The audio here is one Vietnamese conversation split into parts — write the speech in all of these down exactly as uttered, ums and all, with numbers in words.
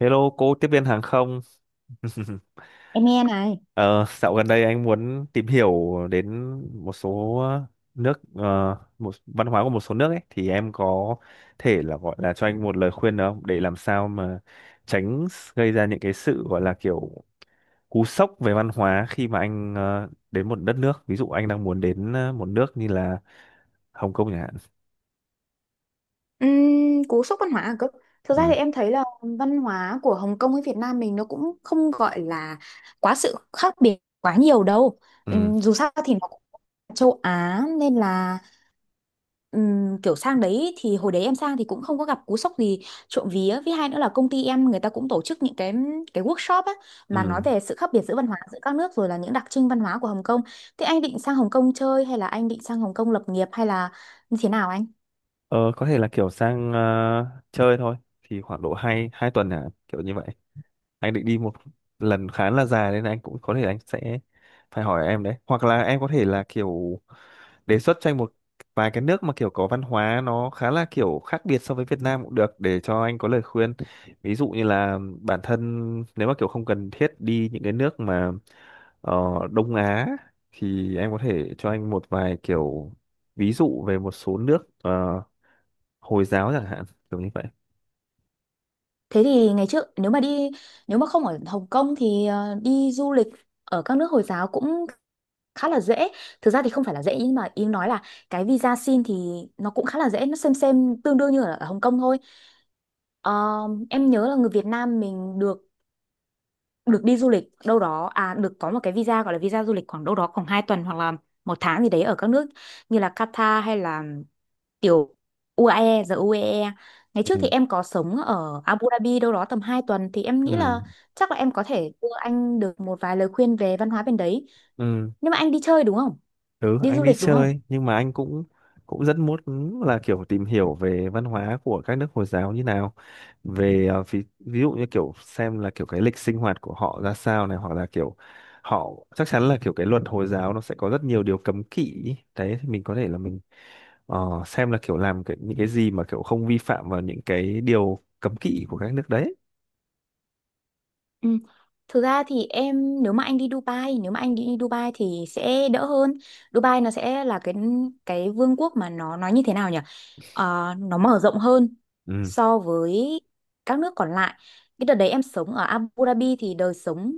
Hello cô tiếp viên hàng không. Em nghe này. Ờ, Dạo gần đây anh muốn tìm hiểu đến một số nước ờ, một văn hóa của một số nước ấy, thì em có thể là gọi là cho anh một lời khuyên được không, để làm sao mà tránh gây ra những cái sự gọi là kiểu cú sốc về văn hóa khi mà anh ờ, đến một đất nước, ví dụ anh đang muốn đến ờ, một nước như là Hồng Kông chẳng hạn. Ừm, cú sốc văn hóa à cơ? Thực ra thì Ừ. em thấy là văn hóa của Hồng Kông với Việt Nam mình nó cũng không gọi là quá sự khác biệt quá nhiều đâu. Ừ. Ừm, dù sao thì nó cũng là châu Á nên là ừm, kiểu sang đấy thì hồi đấy em sang thì cũng không có gặp cú sốc gì. Trộm vía, với hai nữa là công ty em người ta cũng tổ chức những cái cái workshop á, mà nói Ừ. về sự khác biệt giữa văn hóa giữa các nước rồi là những đặc trưng văn hóa của Hồng Kông. Thế anh định sang Hồng Kông chơi hay là anh định sang Hồng Kông lập nghiệp hay là như thế nào anh? Ờ, có thể là kiểu sang ờ, chơi thôi, thì khoảng độ hai hai tuần, hả, kiểu như vậy. Anh định đi một lần khá là dài, nên anh cũng có thể anh sẽ phải hỏi em đấy, hoặc là em có thể là kiểu đề xuất cho anh một vài cái nước mà kiểu có văn hóa nó khá là kiểu khác biệt so với Việt Nam cũng được, để cho anh có lời khuyên. Ví dụ như là bản thân nếu mà kiểu không cần thiết đi những cái nước mà ờ, Đông Á, thì em có thể cho anh một vài kiểu ví dụ về một số nước ờ, Hồi giáo chẳng hạn, kiểu như vậy. Thế thì ngày trước nếu mà đi, nếu mà không ở Hồng Kông thì ờ, đi du lịch ở các nước Hồi giáo cũng khá là dễ. Thực ra thì không phải là dễ nhưng mà ý nói là cái visa xin thì nó cũng khá là dễ, nó xem xem tương đương như ở ở Hồng Kông thôi. Ờ, em nhớ là người Việt Nam mình được được đi du lịch đâu đó à, được có một cái visa gọi là visa du lịch khoảng đâu đó khoảng hai tuần hoặc là một tháng gì đấy ở các nước như là Qatar hay là tiểu u a e, giờ u a e ngày trước Ừ. thì em có sống ở Abu Dhabi đâu đó tầm hai tuần thì em Ừ. nghĩ là chắc là em có thể đưa anh được một vài lời khuyên về văn hóa bên đấy. Ừ. Nhưng mà anh đi chơi đúng không, Ừ. đi Anh du đi lịch đúng không? chơi, nhưng mà anh cũng cũng rất muốn là kiểu tìm hiểu về văn hóa của các nước Hồi giáo như nào, về ờ, ví, ví dụ như kiểu xem là kiểu cái lịch sinh hoạt của họ ra sao này, hoặc là kiểu họ chắc chắn là kiểu cái luật Hồi giáo nó sẽ có rất nhiều điều cấm kỵ ý. Đấy thì mình có thể là mình ờ, xem là kiểu làm cái, những cái gì mà kiểu không vi phạm vào những cái điều cấm kỵ của các nước đấy. Ừ. Thực ra thì em, nếu mà anh đi Dubai, nếu mà anh đi Dubai thì sẽ đỡ hơn. Dubai nó sẽ là cái cái vương quốc mà nó nói như thế nào nhỉ? Ờ, nó mở rộng hơn Ừ. so với các nước còn lại. Cái đợt đấy em sống ở Abu Dhabi thì đời sống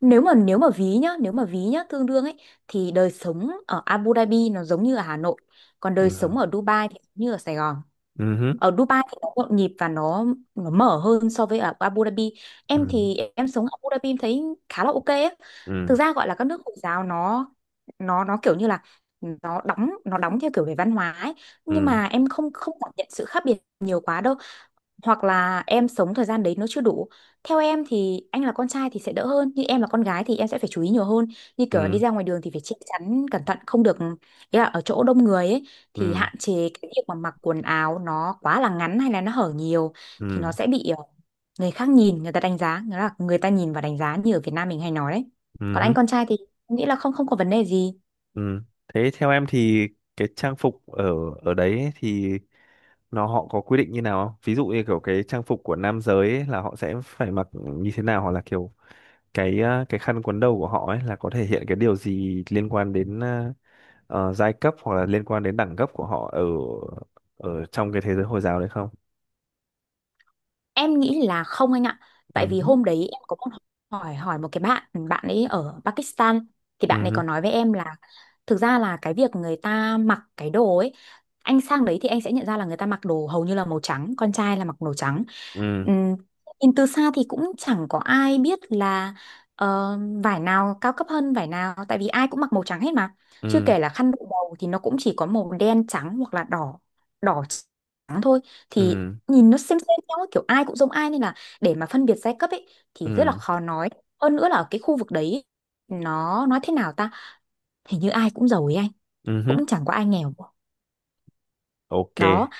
nếu mà nếu mà ví nhá, nếu mà ví nhá tương đương ấy, thì đời sống ở Abu Dhabi nó giống như ở Hà Nội, còn Ừ. đời sống ở Dubai thì giống như ở Sài Gòn. Ừ. Ở Dubai thì nó nhộn nhịp và nó nó mở hơn so với ở Abu Dhabi. Em Ừ. thì em sống ở Abu Dhabi em thấy khá là ok á. Thực Ừ. ra gọi là các nước Hồi giáo nó nó nó kiểu như là nó đóng, nó đóng theo kiểu về văn hóa ấy, nhưng Ừ. mà em không không cảm nhận sự khác biệt nhiều quá đâu, hoặc là em sống thời gian đấy nó chưa đủ. Theo em thì anh là con trai thì sẽ đỡ hơn, nhưng em là con gái thì em sẽ phải chú ý nhiều hơn. Như kiểu là đi Ừ. ra ngoài đường thì phải che chắn cẩn thận, không được, ý là ở chỗ đông người ấy, thì Ừ. hạn chế cái việc mà mặc quần áo nó quá là ngắn hay là nó hở nhiều, thì nó Ừ. sẽ bị ờ, người khác nhìn, người ta đánh giá, nghĩa là người ta nhìn và đánh giá như ở Việt Nam mình hay nói đấy. Ừ Còn hứ. anh con trai thì em nghĩ là không không có vấn đề gì. Ừ. Thế theo em thì cái trang phục ở ở đấy ấy, thì nó họ có quy định như nào không? Ví dụ như kiểu cái trang phục của nam giới ấy là họ sẽ phải mặc như thế nào, hoặc là kiểu cái ờ, cái khăn quấn đầu của họ ấy là có thể hiện cái điều gì liên quan đến ờ, ờ, giai cấp hoặc là liên quan đến đẳng cấp của họ ở ở trong cái thế giới Hồi giáo đấy không? Em nghĩ là không anh ạ. Tại Ừ vì hứ. hôm đấy em có một hỏi hỏi một cái bạn, bạn ấy ở Pakistan, thì Ừ bạn ấy hứ. có nói với em là thực ra là cái việc người ta mặc cái đồ ấy, anh sang đấy thì anh sẽ nhận ra là người ta mặc đồ hầu như là màu trắng, con trai là mặc màu trắng. Ừ. Ừm, Nhìn từ xa thì cũng chẳng có ai biết là ờ, vải nào cao cấp hơn vải nào, tại vì ai cũng mặc màu trắng hết mà. Chưa Ừ. kể là khăn đội đầu thì nó cũng chỉ có màu đen trắng hoặc là đỏ đỏ trắng thôi, Ừ. thì nhìn nó xem xem nhau ấy, kiểu ai cũng giống ai nên là để mà phân biệt giai cấp ấy thì rất là Ừ. khó nói. Hơn nữa là ở cái khu vực đấy ấy, nó nói thế nào ta, hình như ai cũng giàu ấy anh, Ừ hứ. cũng chẳng có ai nghèo OK. đó.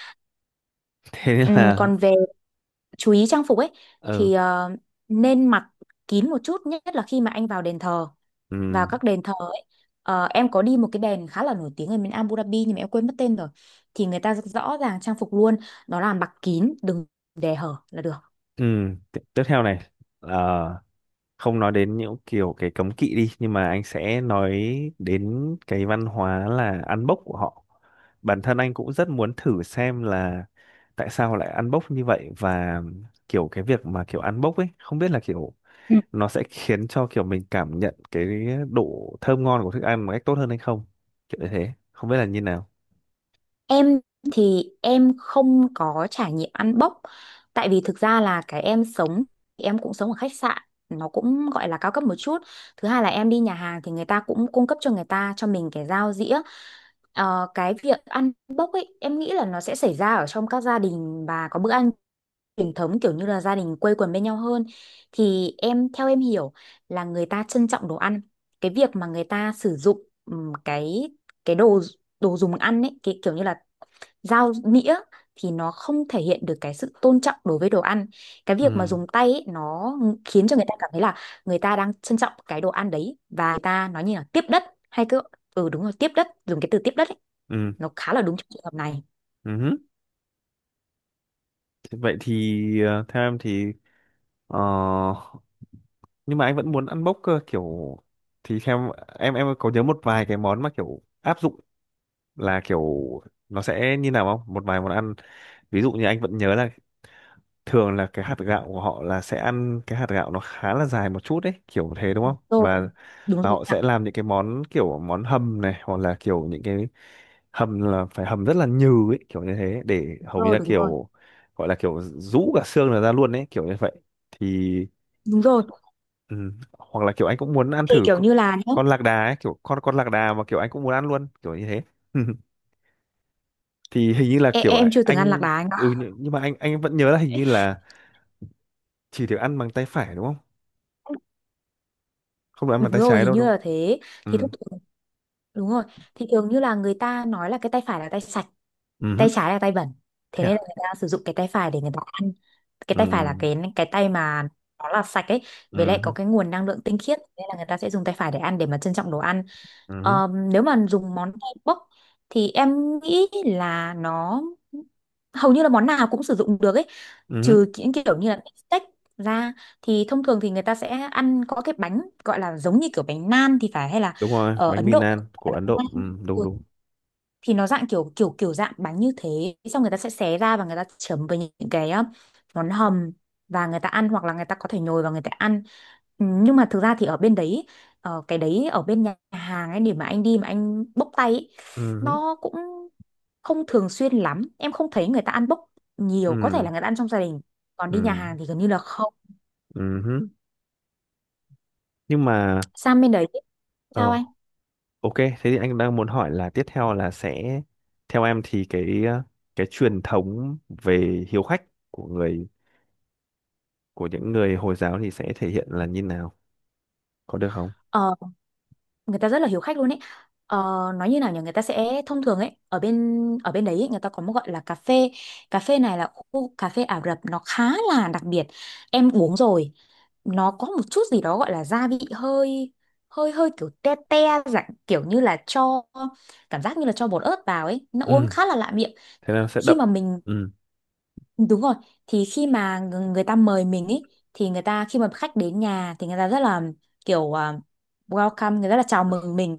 Thế nên Ừm, là. Còn về chú ý trang phục ấy Ừ. thì ờ, nên mặc kín một chút, nhất là khi mà anh vào đền thờ Ừ. vào các đền thờ ấy. Ờ, em có đi một cái đền khá là nổi tiếng ở bên Abu Dhabi nhưng mà em quên mất tên rồi, thì người ta rõ ràng trang phục luôn, đó là mặc kín, đừng để hở là được. Ừ, t- tiếp theo này, ờ, không nói đến những kiểu cái cấm kỵ đi, nhưng mà anh sẽ nói đến cái văn hóa là ăn bốc của họ. Bản thân anh cũng rất muốn thử xem là tại sao lại ăn bốc như vậy, và kiểu cái việc mà kiểu ăn bốc ấy không biết là kiểu nó sẽ khiến cho kiểu mình cảm nhận cái độ thơm ngon của thức ăn một cách tốt hơn hay không. Kiểu như thế, không biết là như nào. Em thì em không có trải nghiệm ăn bốc, tại vì thực ra là cái em sống thì em cũng sống ở khách sạn nó cũng gọi là cao cấp một chút, thứ hai là em đi nhà hàng thì người ta cũng cung cấp cho người ta cho mình cái dao dĩa. Ờ, cái việc ăn bốc ấy em nghĩ là nó sẽ xảy ra ở trong các gia đình và có bữa ăn truyền thống kiểu như là gia đình quây quần bên nhau hơn, thì em theo em hiểu là người ta trân trọng đồ ăn. Cái việc mà người ta sử dụng ừm, cái cái đồ đồ dùng ăn ấy, cái kiểu như là dao nĩa, thì nó không thể hiện được cái sự tôn trọng đối với đồ ăn. Cái việc mà Ừ. dùng tay ấy, nó khiến cho người ta cảm thấy là người ta đang trân trọng cái đồ ăn đấy, và người ta nói như là tiếp đất, hay cứ, ừ đúng rồi, tiếp đất, dùng cái từ tiếp đất ấy, Ừ. nó khá là đúng trong trường hợp này. Ừ. Thế Vậy thì ờ, theo em thì. Ờ, nhưng mà anh vẫn muốn ăn bốc cơ kiểu, thì theo em, em có nhớ một vài cái món mà kiểu áp dụng là kiểu nó sẽ như nào không? Một vài món ăn, ví dụ như anh vẫn nhớ là thường là cái hạt gạo của họ là sẽ ăn cái hạt gạo nó khá là dài một chút đấy, kiểu thế đúng không? Rồi, Và đúng và rồi họ sẽ ạ. làm những cái món kiểu món hầm này, hoặc là kiểu những cái hầm là phải hầm rất là nhừ ấy kiểu như thế, để Đúng hầu như rồi, là đúng rồi. kiểu gọi là kiểu rũ cả xương là ra luôn ấy, kiểu như vậy thì. Đúng rồi. Ừ. Hoặc là kiểu anh cũng muốn ăn Thì thử kiểu c- như là nhá, con lạc đà ấy, kiểu con con lạc đà mà kiểu anh cũng muốn ăn luôn, kiểu như thế. Thì hình như là em, kiểu em ạ, chưa từng ăn lạc anh. đà anh ạ. Ừ, nhưng nhưng mà anh anh vẫn nhớ là hình như là chỉ được ăn bằng tay phải đúng không? Không được ăn Đúng bằng tay rồi, trái hình đâu như đúng là thế. Thì không? thông Ừ. thường- Đúng rồi. Thì thường như là người ta nói là cái tay phải là tay sạch, Ừ hứ. tay trái là tay bẩn, thế Thế nên là à. người ta sử dụng cái tay phải để người ta ăn. Cái tay phải là Ừ. cái cái tay mà nó là sạch ấy, Ừ với lại hứ. có cái nguồn năng lượng tinh khiết nên là người ta sẽ dùng tay phải để ăn, để mà trân trọng đồ ăn. Ừ hứ. Ờm, nếu mà dùng món tay bốc thì em nghĩ là nó hầu như là món nào cũng sử dụng được ấy, Ừ hứ. trừ những kiểu như là steak ra, thì thông thường thì người ta sẽ ăn có cái bánh gọi là giống như kiểu bánh nan thì phải, hay là Đúng rồi, ở bánh Ấn mì Độ nan gọi của là Ấn bánh Độ. Ừ, nan. đúng Ừ, đúng. thì nó dạng kiểu kiểu kiểu dạng bánh như thế, xong người ta sẽ xé ra và người ta chấm với những cái uh, món hầm và người ta ăn, hoặc là người ta có thể nhồi vào người ta ăn. Ừ, nhưng mà thực ra thì ở bên đấy ờ, cái đấy ở bên nhà hàng ấy, để mà anh đi mà anh bốc tay ấy, Ừ hứ. nó cũng không thường xuyên lắm, em không thấy người ta ăn bốc nhiều, có thể Ừ. là người ta ăn trong gia đình, còn đi nhà Ừ. hàng thì gần như là không. Ừ hứ. Nhưng mà. Sang bên đấy sao Ờ. anh? OK, thế thì anh đang muốn hỏi là tiếp theo là sẽ, theo em thì cái ờ, cái truyền thống về hiếu khách của người của những người Hồi giáo thì sẽ thể hiện là như nào? Có được không? Ờ, Người ta rất là hiếu khách luôn ấy, ờ, nói như nào nhỉ, người ta sẽ thông thường ấy, ở bên ở bên đấy ấy, người ta có một gọi là cà phê. Cà phê này là khu cà phê Ả Rập, nó khá là đặc biệt, em uống rồi, nó có một chút gì đó gọi là gia vị hơi hơi hơi kiểu te te, dạng kiểu như là cho cảm giác như là cho bột ớt vào ấy, nó uống Ừ, khá là lạ miệng. thế là sẽ Khi đậm. mà mình Ừ. Đúng rồi, thì khi mà ng- người ta mời mình ý, thì người ta khi mà khách đến nhà thì người ta rất là kiểu à, welcome, người rất là chào mừng mình,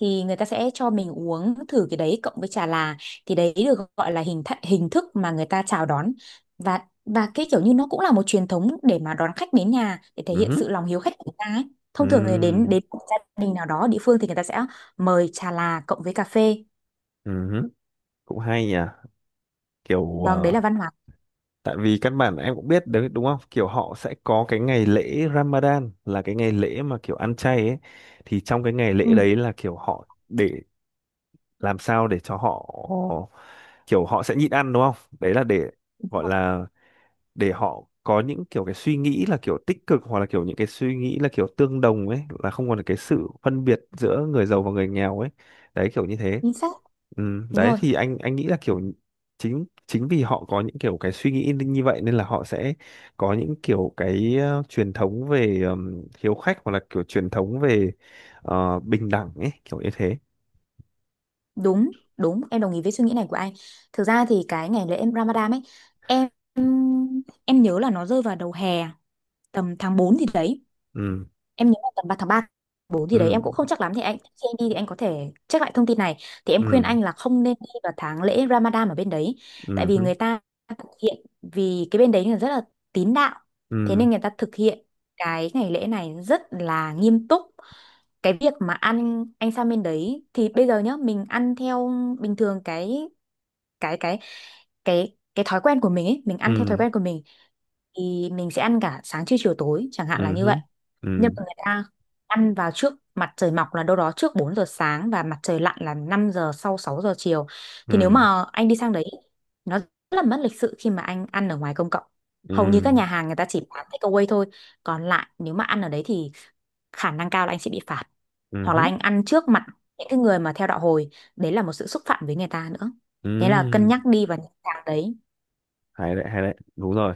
thì người ta sẽ cho mình uống thử cái đấy cộng với trà là, thì đấy được gọi là hình th hình thức mà người ta chào đón, và và cái kiểu như nó cũng là một truyền thống để mà đón khách đến nhà, để thể Ừ hiện hứ. sự lòng hiếu khách của người ta ấy. Thông thường thì đến Ừ. đến một gia đình nào đó ở địa phương thì người ta sẽ mời trà là cộng với cà phê. Ừ hứ. Cũng hay nhỉ. Kiểu Vâng, đấy ờ, là văn hóa. tại vì căn bản em cũng biết đấy đúng không? Kiểu họ sẽ có cái ngày lễ Ramadan là cái ngày lễ mà kiểu ăn chay ấy, thì trong cái ngày Ừ, lễ đấy là kiểu họ để làm sao để cho họ, kiểu họ sẽ nhịn ăn đúng không, đấy là để gọi là để họ có những kiểu cái suy nghĩ là kiểu tích cực, hoặc là kiểu những cái suy nghĩ là kiểu tương đồng ấy, là không còn cái sự phân biệt giữa người giàu và người nghèo ấy, đấy kiểu như thế. chính xác. Ừ. Đúng Đấy rồi. thì anh anh nghĩ là kiểu chính chính vì họ có những kiểu cái suy nghĩ như vậy, nên là họ sẽ có những kiểu cái ờ, truyền thống về ừm, hiếu khách, hoặc là kiểu truyền thống về ờ, bình đẳng ấy, kiểu như thế. Đúng, đúng, em đồng ý với suy nghĩ này của anh. Thực ra thì cái ngày lễ em Ramadan ấy, em em nhớ là nó rơi vào đầu hè, tầm tháng bốn thì đấy. Ừ. Em nhớ là tầm ba tháng ba bốn thì Ừ. đấy, em cũng không chắc lắm, thì anh khi anh đi thì anh có thể check lại thông tin này. Thì em khuyên Ừ. anh là không nên đi vào tháng lễ Ramadan ở bên đấy, tại vì Ừ. người ta thực hiện, vì cái bên đấy là rất là tín đạo. Thế Ừ. nên người ta thực hiện cái ngày lễ này rất là nghiêm túc. Cái việc mà ăn, anh sang bên đấy thì bây giờ nhá, mình ăn theo bình thường cái cái cái cái cái thói quen của mình ấy, mình ăn theo thói Ừ. quen của mình, thì mình sẽ ăn cả sáng trưa chiều tối chẳng hạn là Ừ như vậy. hứ. Ừ. Nhưng mà người ta ăn vào trước mặt trời mọc là đâu đó trước bốn giờ sáng, và mặt trời lặn là năm giờ, sau sáu giờ chiều, thì nếu Ừ. mà anh đi sang đấy, nó rất là mất lịch sự khi mà anh ăn ở ngoài công cộng, hầu như Ừ. các nhà hàng người ta chỉ bán takeaway thôi, còn lại nếu mà ăn ở đấy thì khả năng cao là anh sẽ bị phạt, Ừ hoặc là hứ. anh ăn trước mặt những cái người mà theo đạo hồi, đấy là một sự xúc phạm với người ta nữa, thế là cân Ừ. nhắc đi vào những tháng đấy. Hay đấy, hay đấy, đúng rồi.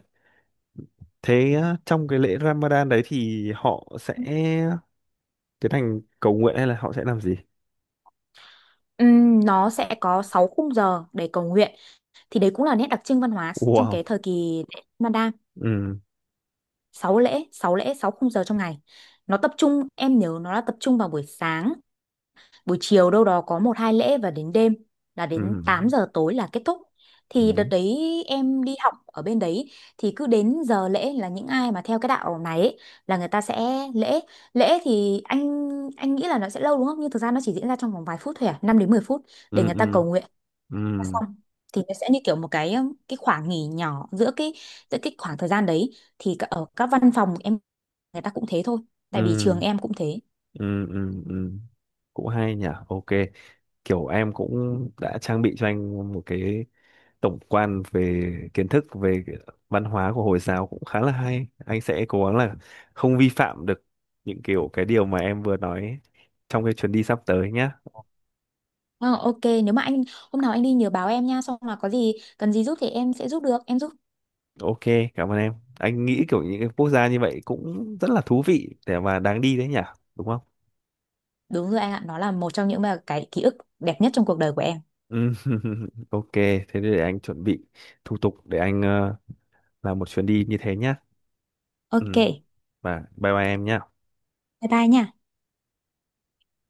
Thế á, trong cái lễ Ramadan đấy thì họ sẽ tiến hành cầu nguyện, hay là họ sẽ làm gì? Ừm, nó sẽ có sáu khung giờ để cầu nguyện, thì đấy cũng là nét đặc trưng văn hóa trong cái Wow. thời kỳ lễ Manda. Ừ. sáu lễ Sáu lễ, sáu khung giờ trong ngày, nó tập trung, em nhớ nó là tập trung vào buổi sáng, buổi chiều đâu đó có một hai lễ, và đến đêm là Ừ. đến tám giờ tối là kết thúc. Ừ. Thì đợt đấy em đi học ở bên đấy thì cứ đến giờ lễ là những ai mà theo cái đạo này ấy, là người ta sẽ lễ lễ thì anh anh nghĩ là nó sẽ lâu đúng không, nhưng thực ra nó chỉ diễn ra trong vòng vài phút thôi à, năm đến mười phút Ừ. để người Ừ. ta cầu nguyện Ừ. xong, thì nó sẽ như kiểu một cái um, cái khoảng nghỉ nhỏ giữa cái giữa cái khoảng thời gian đấy, thì cả- ở các văn phòng em người ta cũng thế thôi, tại vì trường Ừ. em cũng thế. Ừ. Ừ. Ừ. Cũng hay nhỉ. OK, kiểu em cũng đã trang bị cho anh một cái tổng quan về kiến thức về cái văn hóa của Hồi giáo, cũng khá là hay. Anh sẽ cố gắng là không vi phạm được những kiểu cái điều mà em vừa nói ấy, trong cái chuyến đi sắp tới nhá. Ờ, ok, nếu mà anh hôm nào anh đi nhớ báo em nha, xong là có gì cần gì giúp thì em sẽ giúp được, em giúp. OK, cảm ơn em. Anh nghĩ kiểu những cái quốc gia như vậy cũng rất là thú vị để mà đáng đi đấy nhỉ, đúng không? Đúng rồi anh ạ, nó là một trong những mà cái ký ức đẹp nhất trong cuộc đời của em. Ừ. OK, thế để anh chuẩn bị thủ tục để anh ờ, làm một chuyến đi như thế nhá. Ừ. Ok, Và bye bye em nhá. bye bye nha.